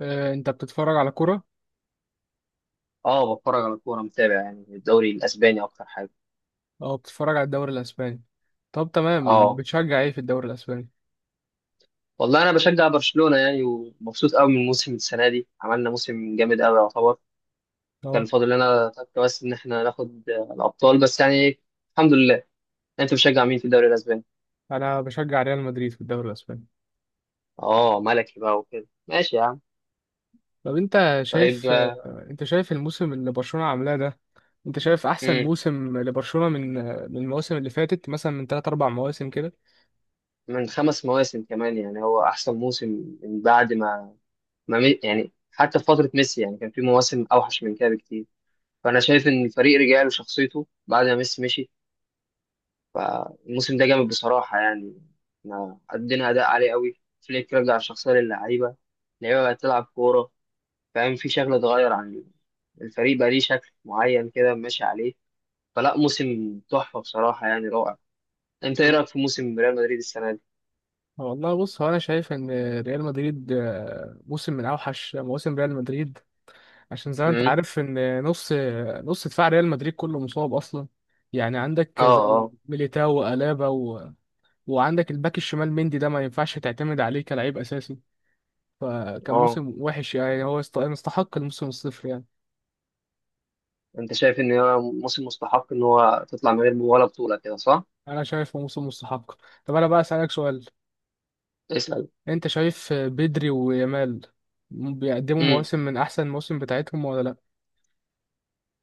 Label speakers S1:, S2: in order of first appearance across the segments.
S1: آه، انت بتتفرج على كرة؟
S2: اه، بتفرج على الكوره، متابع يعني الدوري الاسباني اكتر حاجه.
S1: او بتتفرج على الدوري الاسباني؟ طب تمام،
S2: اه،
S1: بتشجع ايه في الدوري الاسباني؟
S2: والله انا بشجع برشلونه يعني ومبسوط قوي من موسم السنه دي. عملنا موسم جامد قوي يعتبر. كان
S1: اه،
S2: فاضل لنا تك بس ان احنا ناخد الابطال بس يعني. الحمد لله. انت بتشجع مين في الدوري الاسباني؟
S1: انا بشجع ريال مدريد في الدوري الاسباني.
S2: اه، ملكي بقى وكده ماشي يا عم.
S1: طب
S2: طيب آه،
S1: انت شايف الموسم اللي برشلونة عاملاه ده؟ انت شايف احسن
S2: مم.
S1: موسم لبرشلونة من المواسم اللي فاتت، مثلا من 3 4 مواسم كده؟
S2: من 5 مواسم كمان، يعني هو احسن موسم من بعد ما, ما مي- يعني حتى في فتره ميسي، يعني كان في مواسم اوحش من كده بكتير. فانا شايف ان الفريق رجع له شخصيته بعد ما ميسي مشي. فالموسم ده جامد بصراحة يعني، احنا قدمنا أداء عالي قوي. فليك رجع الشخصية للعيبة، اللعيبة بقت تلعب كورة، فاهم؟ في شكل اتغير عن الفريق، بقى ليه شكل معين كده ماشي عليه. فلا، موسم تحفة بصراحة يعني، رائع. انت ايه
S1: طب-
S2: رأيك في موسم ريال مدريد السنة دي؟
S1: والله بص، هو انا شايف ان ريال مدريد موسم من اوحش مواسم ريال مدريد. عشان زي ما انت
S2: امم.
S1: عارف ان نص دفاع ريال مدريد كله مصاب اصلا. يعني
S2: اه.
S1: عندك زي
S2: اه.
S1: ميليتاو وألابا وعندك الباك الشمال مندي ده ما ينفعش تعتمد عليه كلاعب اساسي. فكان
S2: اه،
S1: موسم وحش، يعني هو يستحق الموسم الصفر يعني.
S2: انت شايف ان هو موسم مستحق ان هو تطلع من غير ولا بطولة كده صح؟
S1: انا شايفه موسم مستحق. طب انا بقى اسالك سؤال،
S2: اسأل.
S1: انت شايف بدري ويامال بيقدموا
S2: امم.
S1: مواسم من احسن المواسم بتاعتهم ولا لا؟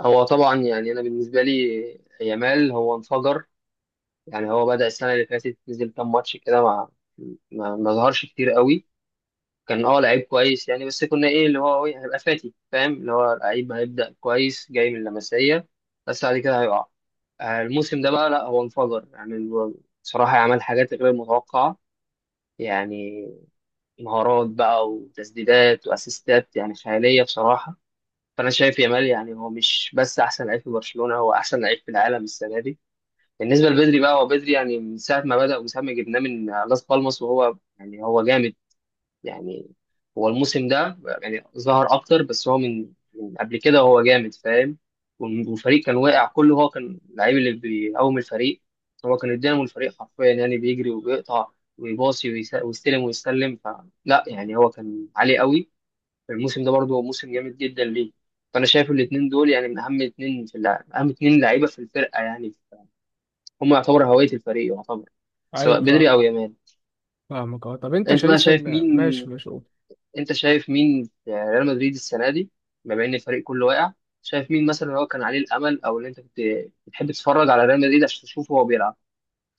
S2: هو طبعا يعني انا بالنسبة لي يامال هو انفجر. يعني هو بدأ السنة اللي فاتت، نزل كام ماتش كده ما ظهرش كتير قوي. كان اه لعيب كويس يعني، بس كنا ايه اللي هو إيه، هيبقى فاتي، فاهم؟ اللي هو لعيب هيبدأ كويس جاي من اللمسية، بس بعد كده هيقع. الموسم ده بقى لا، هو انفجر يعني. هو بصراحة عمل حاجات غير متوقعة يعني، مهارات بقى وتسديدات واسيستات يعني خيالية بصراحة. فأنا شايف يامال يعني هو مش بس أحسن لعيب في برشلونة، هو أحسن لعيب في العالم السنة دي. بالنسبه لبدري بقى، هو بدري يعني من ساعه ما بدا ومن ساعه ما جبناه من لاس بالماس، وهو يعني هو جامد يعني. هو الموسم ده يعني ظهر اكتر، بس هو من قبل كده هو جامد، فاهم؟ والفريق كان واقع كله، هو كان اللعيب اللي بيقوم الفريق. هو كان الدينامو الفريق حرفيا، يعني بيجري وبيقطع ويباصي ويستلم فلا، يعني هو كان عالي قوي الموسم ده برضه. هو موسم جامد جدا ليه. فانا شايف الاثنين دول يعني من اهم اثنين في اللعب، اهم اثنين لعيبه في الفرقه يعني. هم يعتبر هوية الفريق يعتبر، سواء
S1: ايوه،
S2: بدري
S1: فاهم،
S2: أو يامال.
S1: فاهمك، اه. طب انت
S2: أنت بقى
S1: شايف
S2: شايف
S1: ان ماشي
S2: مين؟
S1: ماشي.
S2: أنت شايف مين في ريال مدريد السنة دي؟ بما إن الفريق كله واقع، شايف مين مثلا هو كان عليه الأمل، أو اللي أنت كنت بتحب تتفرج على ريال مدريد عشان تشوفه وهو بيلعب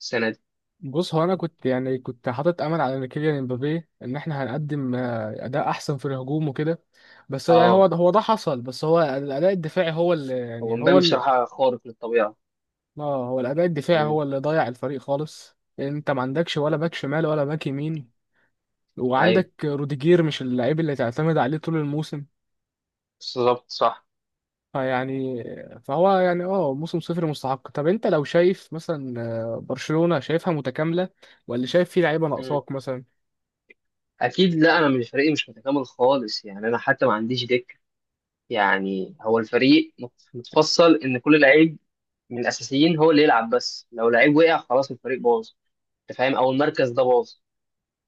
S2: السنة دي؟
S1: بص، هو انا كنت يعني كنت حاطط امل على ان كيليان امبابي، ان احنا هنقدم اداء احسن في الهجوم وكده. بس يعني هو
S2: أه.
S1: هو ده حصل، بس هو الاداء الدفاعي هو اللي
S2: هو
S1: يعني هو
S2: مبابي
S1: ال...
S2: بصراحة خارق للطبيعة.
S1: اه هو الاداء الدفاعي هو
S2: امم.
S1: اللي ضيع الفريق خالص. انت ما عندكش ولا باك شمال ولا باك يمين،
S2: أيوه،
S1: وعندك روديجير مش اللعيب اللي تعتمد عليه طول الموسم.
S2: بالظبط صح.
S1: فيعني فهو يعني موسم صفر مستحق. طب انت لو شايف مثلا برشلونة شايفها متكاملة ولا شايف فيه لعيبة
S2: امم.
S1: ناقصاك مثلا؟
S2: أكيد لا، أنا مش، فريقي مش متكامل خالص يعني. أنا حتى ما عنديش دكة يعني. هو الفريق متفصل إن كل لعيب من الاساسيين هو اللي يلعب، بس لو لعيب وقع خلاص الفريق باظ، انت فاهم، او المركز ده باظ.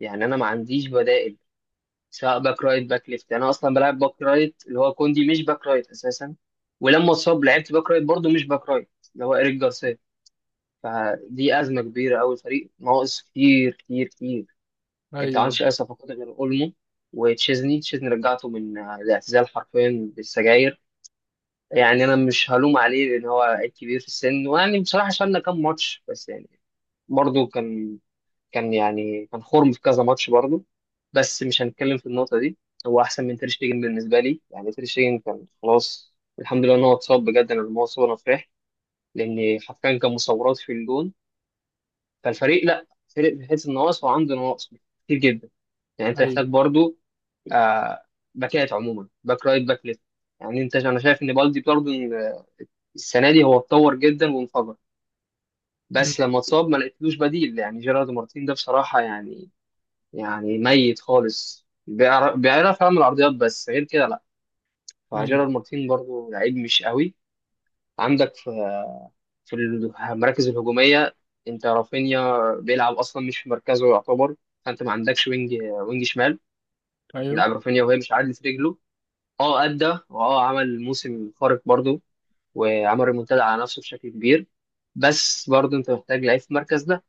S2: يعني انا ما عنديش بدائل، سواء باك رايت باك ليفت. يعني انا اصلا بلعب باك رايت، اللي هو كوندي، مش باك رايت اساسا. ولما اتصاب لعبت باك رايت برضه، مش باك رايت اللي هو ايريك جارسيا. فدي ازمه كبيره قوي، الفريق ناقص كتير كتير كتير. انت ما
S1: ايوه،
S2: عندكش اي صفقات غير اولمو وتشيزني. تشيزني رجعته من الاعتزال حرفيا بالسجاير. يعني انا مش هلوم عليه لان هو عيب كبير في السن، ويعني بصراحه شالنا كام ماتش بس، يعني برضو كان يعني كان خرم في كذا ماتش برضو. بس مش هنتكلم في النقطة دي. هو أحسن من تير شتيجن بالنسبة لي. يعني تير شتيجن كان خلاص، الحمد لله إن هو اتصاب، بجد أنا لما هو اتصاب أنا فرحت، لأن حرفيا كان مصورات في الجون. فالفريق لأ، فريق بيحس النواقص وعنده نواقص كتير جدا. يعني أنت
S1: ايوه،
S2: محتاج برضو آه باكات عموما، باك رايت باك ليفت. يعني أنا شايف إن بالدي برضو السنة دي هو اتطور جدا وانفجر، بس لما اتصاب ما لقيتلوش بديل. يعني جيرارد مارتين ده بصراحة يعني، يعني ميت خالص. بيعرف يعمل عرضيات، بس غير كده لا.
S1: امم
S2: فجيرارد مارتين برضو لعيب مش قوي. عندك في المراكز الهجومية، انت رافينيا بيلعب اصلا مش في مركزه يعتبر. فانت ما عندكش وينج، وينج شمال
S1: ايوه،
S2: يلعب رافينيا وهي مش عادلة رجله. اه، ادى، واه عمل موسم خارق برضو، وعمل ريمونتادا على نفسه بشكل كبير. بس برضو انت محتاج لعيب في المركز ده.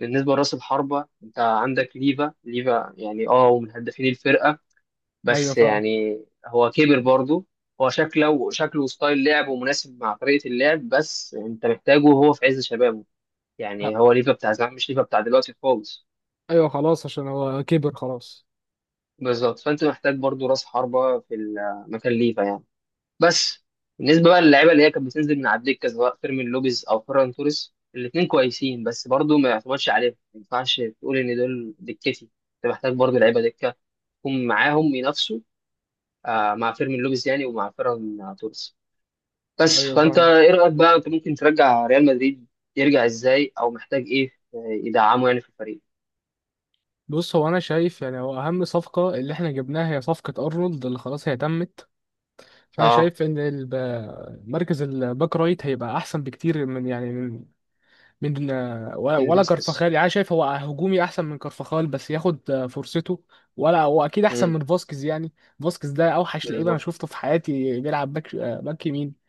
S2: بالنسبة لراس الحربة، انت عندك ليفا. ليفا يعني اه ومن هدافين الفرقة،
S1: ايوه،
S2: بس
S1: فاهم.
S2: يعني هو كبر برضه. هو شكله شكله وستايل لعبه مناسب مع طريقة اللعب، بس انت محتاجه وهو في عز شبابه.
S1: أ-
S2: يعني هو ليفا بتاع زمان، مش ليفا بتاع دلوقتي خالص.
S1: ايوه، خلاص، عشان هو كبر خلاص.
S2: بالظبط. فانت محتاج برضه راس حربة في مكان ليفا يعني. بس بالنسبة بقى للعيبة اللي هي كانت بتنزل من على الدكة، سواء فيرمين لوبيز أو فيران توريس، الاتنين كويسين، بس برضه ما يعتمدش عليهم، ما ينفعش تقول إن دول دكتي. انت محتاج برضه لعيبة دكة يكون معاهم ينافسوا مع فيرمين لوبيز يعني ومع فيران توريس. بس
S1: ايوه،
S2: فانت
S1: فاهم.
S2: ايه رايك بقى، انت ممكن ترجع ريال مدريد يرجع ازاي؟ او محتاج ايه يدعمه يعني في الفريق؟
S1: بص، هو انا شايف يعني هو اهم صفقه اللي احنا جبناها هي صفقه ارنولد اللي خلاص هي تمت. فانا
S2: اه.
S1: شايف ان مركز الباك رايت هيبقى احسن بكتير، من يعني من ولا
S2: كين
S1: ولا كارفاخال.
S2: فاسكيز.
S1: يعني أنا شايف هو هجومي احسن من كارفاخال، بس ياخد فرصته. ولا هو اكيد احسن
S2: امم.
S1: من فاسكيز يعني. فاسكيز ده اوحش لعيب انا
S2: بالظبط.
S1: شفته في حياتي بيلعب باك يمين.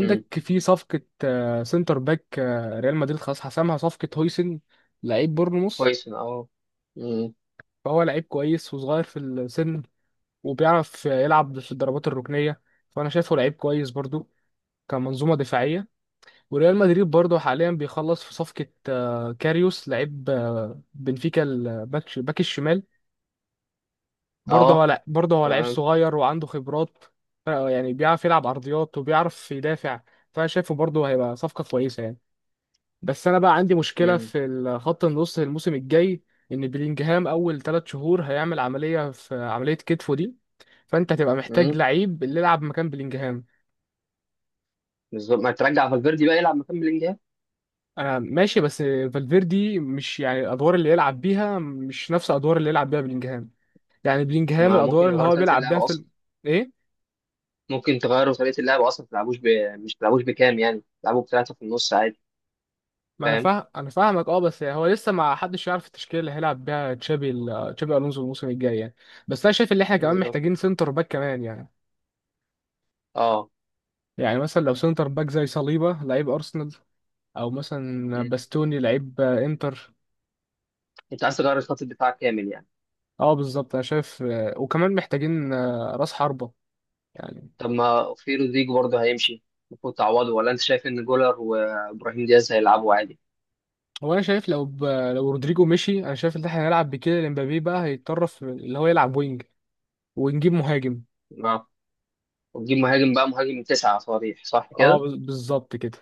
S2: امم.
S1: في صفقة سنتر باك ريال مدريد خلاص حسمها، صفقة هويسن لعيب بورنموث.
S2: كويس اه. امم.
S1: فهو لعيب كويس وصغير في السن، وبيعرف يلعب في الضربات الركنية. فأنا شايفه لعيب كويس برضو كمنظومة دفاعية. وريال مدريد برضو حاليا بيخلص في صفقة كاريوس، لعيب بنفيكا، باك الشمال.
S2: اه.
S1: برضه هو لعيب
S2: تمام.
S1: صغير وعنده خبرات. يعني بيعرف يلعب عرضيات وبيعرف يدافع. فأنا شايفه برضه هيبقى صفقة كويسة يعني. بس انا بقى عندي مشكله
S2: امم.
S1: في خط النص الموسم الجاي، ان بلينجهام اول 3 شهور هيعمل عمليه كتفه دي. فانت هتبقى محتاج
S2: امم.
S1: لعيب اللي يلعب مكان بلينجهام.
S2: بالظبط. ما ترجع فالفيردي بقى يلعب مكان بلينجهام.
S1: انا ماشي، بس فالفيردي مش يعني الادوار اللي يلعب بيها مش نفس الادوار اللي يلعب بيها بلينجهام. يعني بلينجهام
S2: ما ممكن
S1: الادوار اللي
S2: يغيروا
S1: هو
S2: طريقه
S1: بيلعب
S2: اللعب
S1: بيها في
S2: اصلا.
S1: ال... ايه،
S2: ممكن تغيروا طريقه اللعب اصلا، ما تلعبوش. مش تلعبوش بكام يعني، تلعبوا بثلاثه في النص عادي.
S1: ما انا
S2: فاهم.
S1: فاهم، انا فاهمك، اه. بس هو لسه ما حدش يعرف التشكيله اللي هيلعب بيها تشابي الونسو الموسم الجاي يعني. بس انا شايف ان احنا كمان
S2: بالظبط
S1: محتاجين سنتر باك كمان يعني.
S2: اه.
S1: يعني مثلا لو سنتر باك زي صليبة لعيب أرسنال، أو مثلا
S2: مم.
S1: باستوني لعيب إنتر.
S2: انت عايز تغير خط الدفاع كامل يعني.
S1: أه، بالظبط، أنا شايف وكمان محتاجين رأس حربة يعني.
S2: طب ما في رودريجو برضه هيمشي، المفروض تعوضه، ولا انت شايف ان جولر وابراهيم دياز هيلعبوا عادي؟
S1: هو أنا شايف لو رودريجو مشي، أنا شايف إن إحنا هنلعب بكده إمبابي بقى هيتطرف اللي هو يلعب وينج، ونجيب مهاجم.
S2: اه. وتجيب مهاجم بقى، مهاجم تسعة صريح، صح
S1: أه،
S2: كده.
S1: بالظبط كده.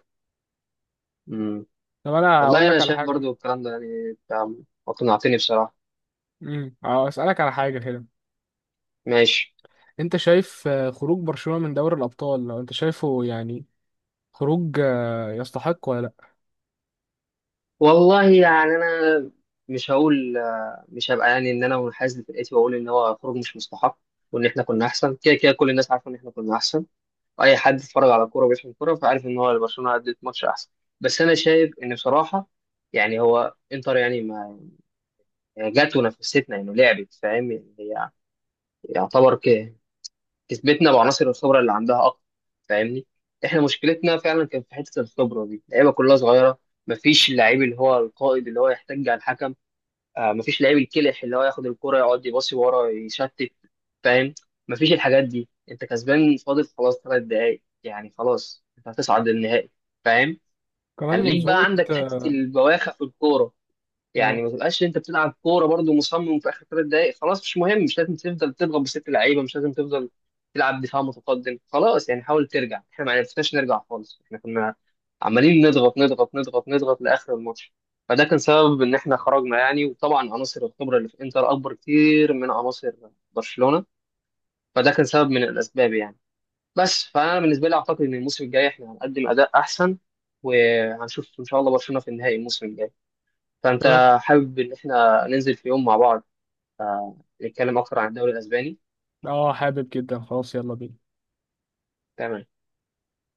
S2: امم.
S1: طب أنا هقول
S2: والله انا
S1: لك على
S2: شايف
S1: حاجة.
S2: برضه الكلام ده، يعني انت اقنعتني بصراحة.
S1: أسألك على حاجة كده،
S2: ماشي.
S1: أنت شايف خروج برشلونة من دوري الأبطال لو أنت شايفه، يعني خروج يستحق ولا لأ؟
S2: والله يعني انا مش هقول، مش هبقى يعني ان انا منحاز لفرقتي واقول ان هو خروج مش مستحق، وان احنا كنا احسن. كده كده كل الناس عارفه ان احنا كنا احسن. اي حد اتفرج على كوره وبيفهم كوره فعارف ان هو برشلونه قدمت ماتش احسن. بس انا شايف ان بصراحه يعني هو انتر، يعني ما جت ونفستنا انه لعبت، فاهم يعني؟ هي يعتبر كسبتنا بعناصر الخبره اللي عندها اكتر، فاهمني؟ احنا مشكلتنا فعلا كان في حته الخبره دي، اللعيبه كلها صغيره. مفيش اللعيب اللي هو القائد اللي هو يحتج على الحكم، مفيش لعيب الكلح اللي هو ياخد الكرة يقعد يباصي ورا يشتت، فاهم؟ مفيش الحاجات دي. انت كسبان، فاضل خلاص 3 دقايق يعني، خلاص انت هتصعد للنهائي، فاهم؟
S1: كمان
S2: خليك بقى
S1: منظومة.
S2: عندك حتة البواخع في الكورة
S1: آه،
S2: يعني، ما تبقاش انت بتلعب كوره برضو مصمم في اخر 3 دقائق. خلاص مش مهم، مش لازم تفضل تضغط بست لعيبه، مش لازم تفضل تلعب دفاع متقدم. خلاص يعني، حاول ترجع. احنا ما عرفناش نرجع خالص، احنا كنا عمالين نضغط نضغط نضغط نضغط لاخر الماتش. فده كان سبب ان احنا خرجنا يعني، وطبعا عناصر الخبره اللي في انتر اكبر كتير من عناصر برشلونه. فده كان سبب من الاسباب يعني. بس فانا بالنسبه لي اعتقد ان الموسم الجاي احنا هنقدم اداء احسن، وهنشوف ان شاء الله برشلونه في النهائي الموسم الجاي.
S1: تمام.
S2: فأنت حابب إن إحنا ننزل في يوم مع بعض نتكلم أكتر عن الدوري الأسباني؟
S1: اه، حابب جدا، خلاص يلا بينا.
S2: تمام.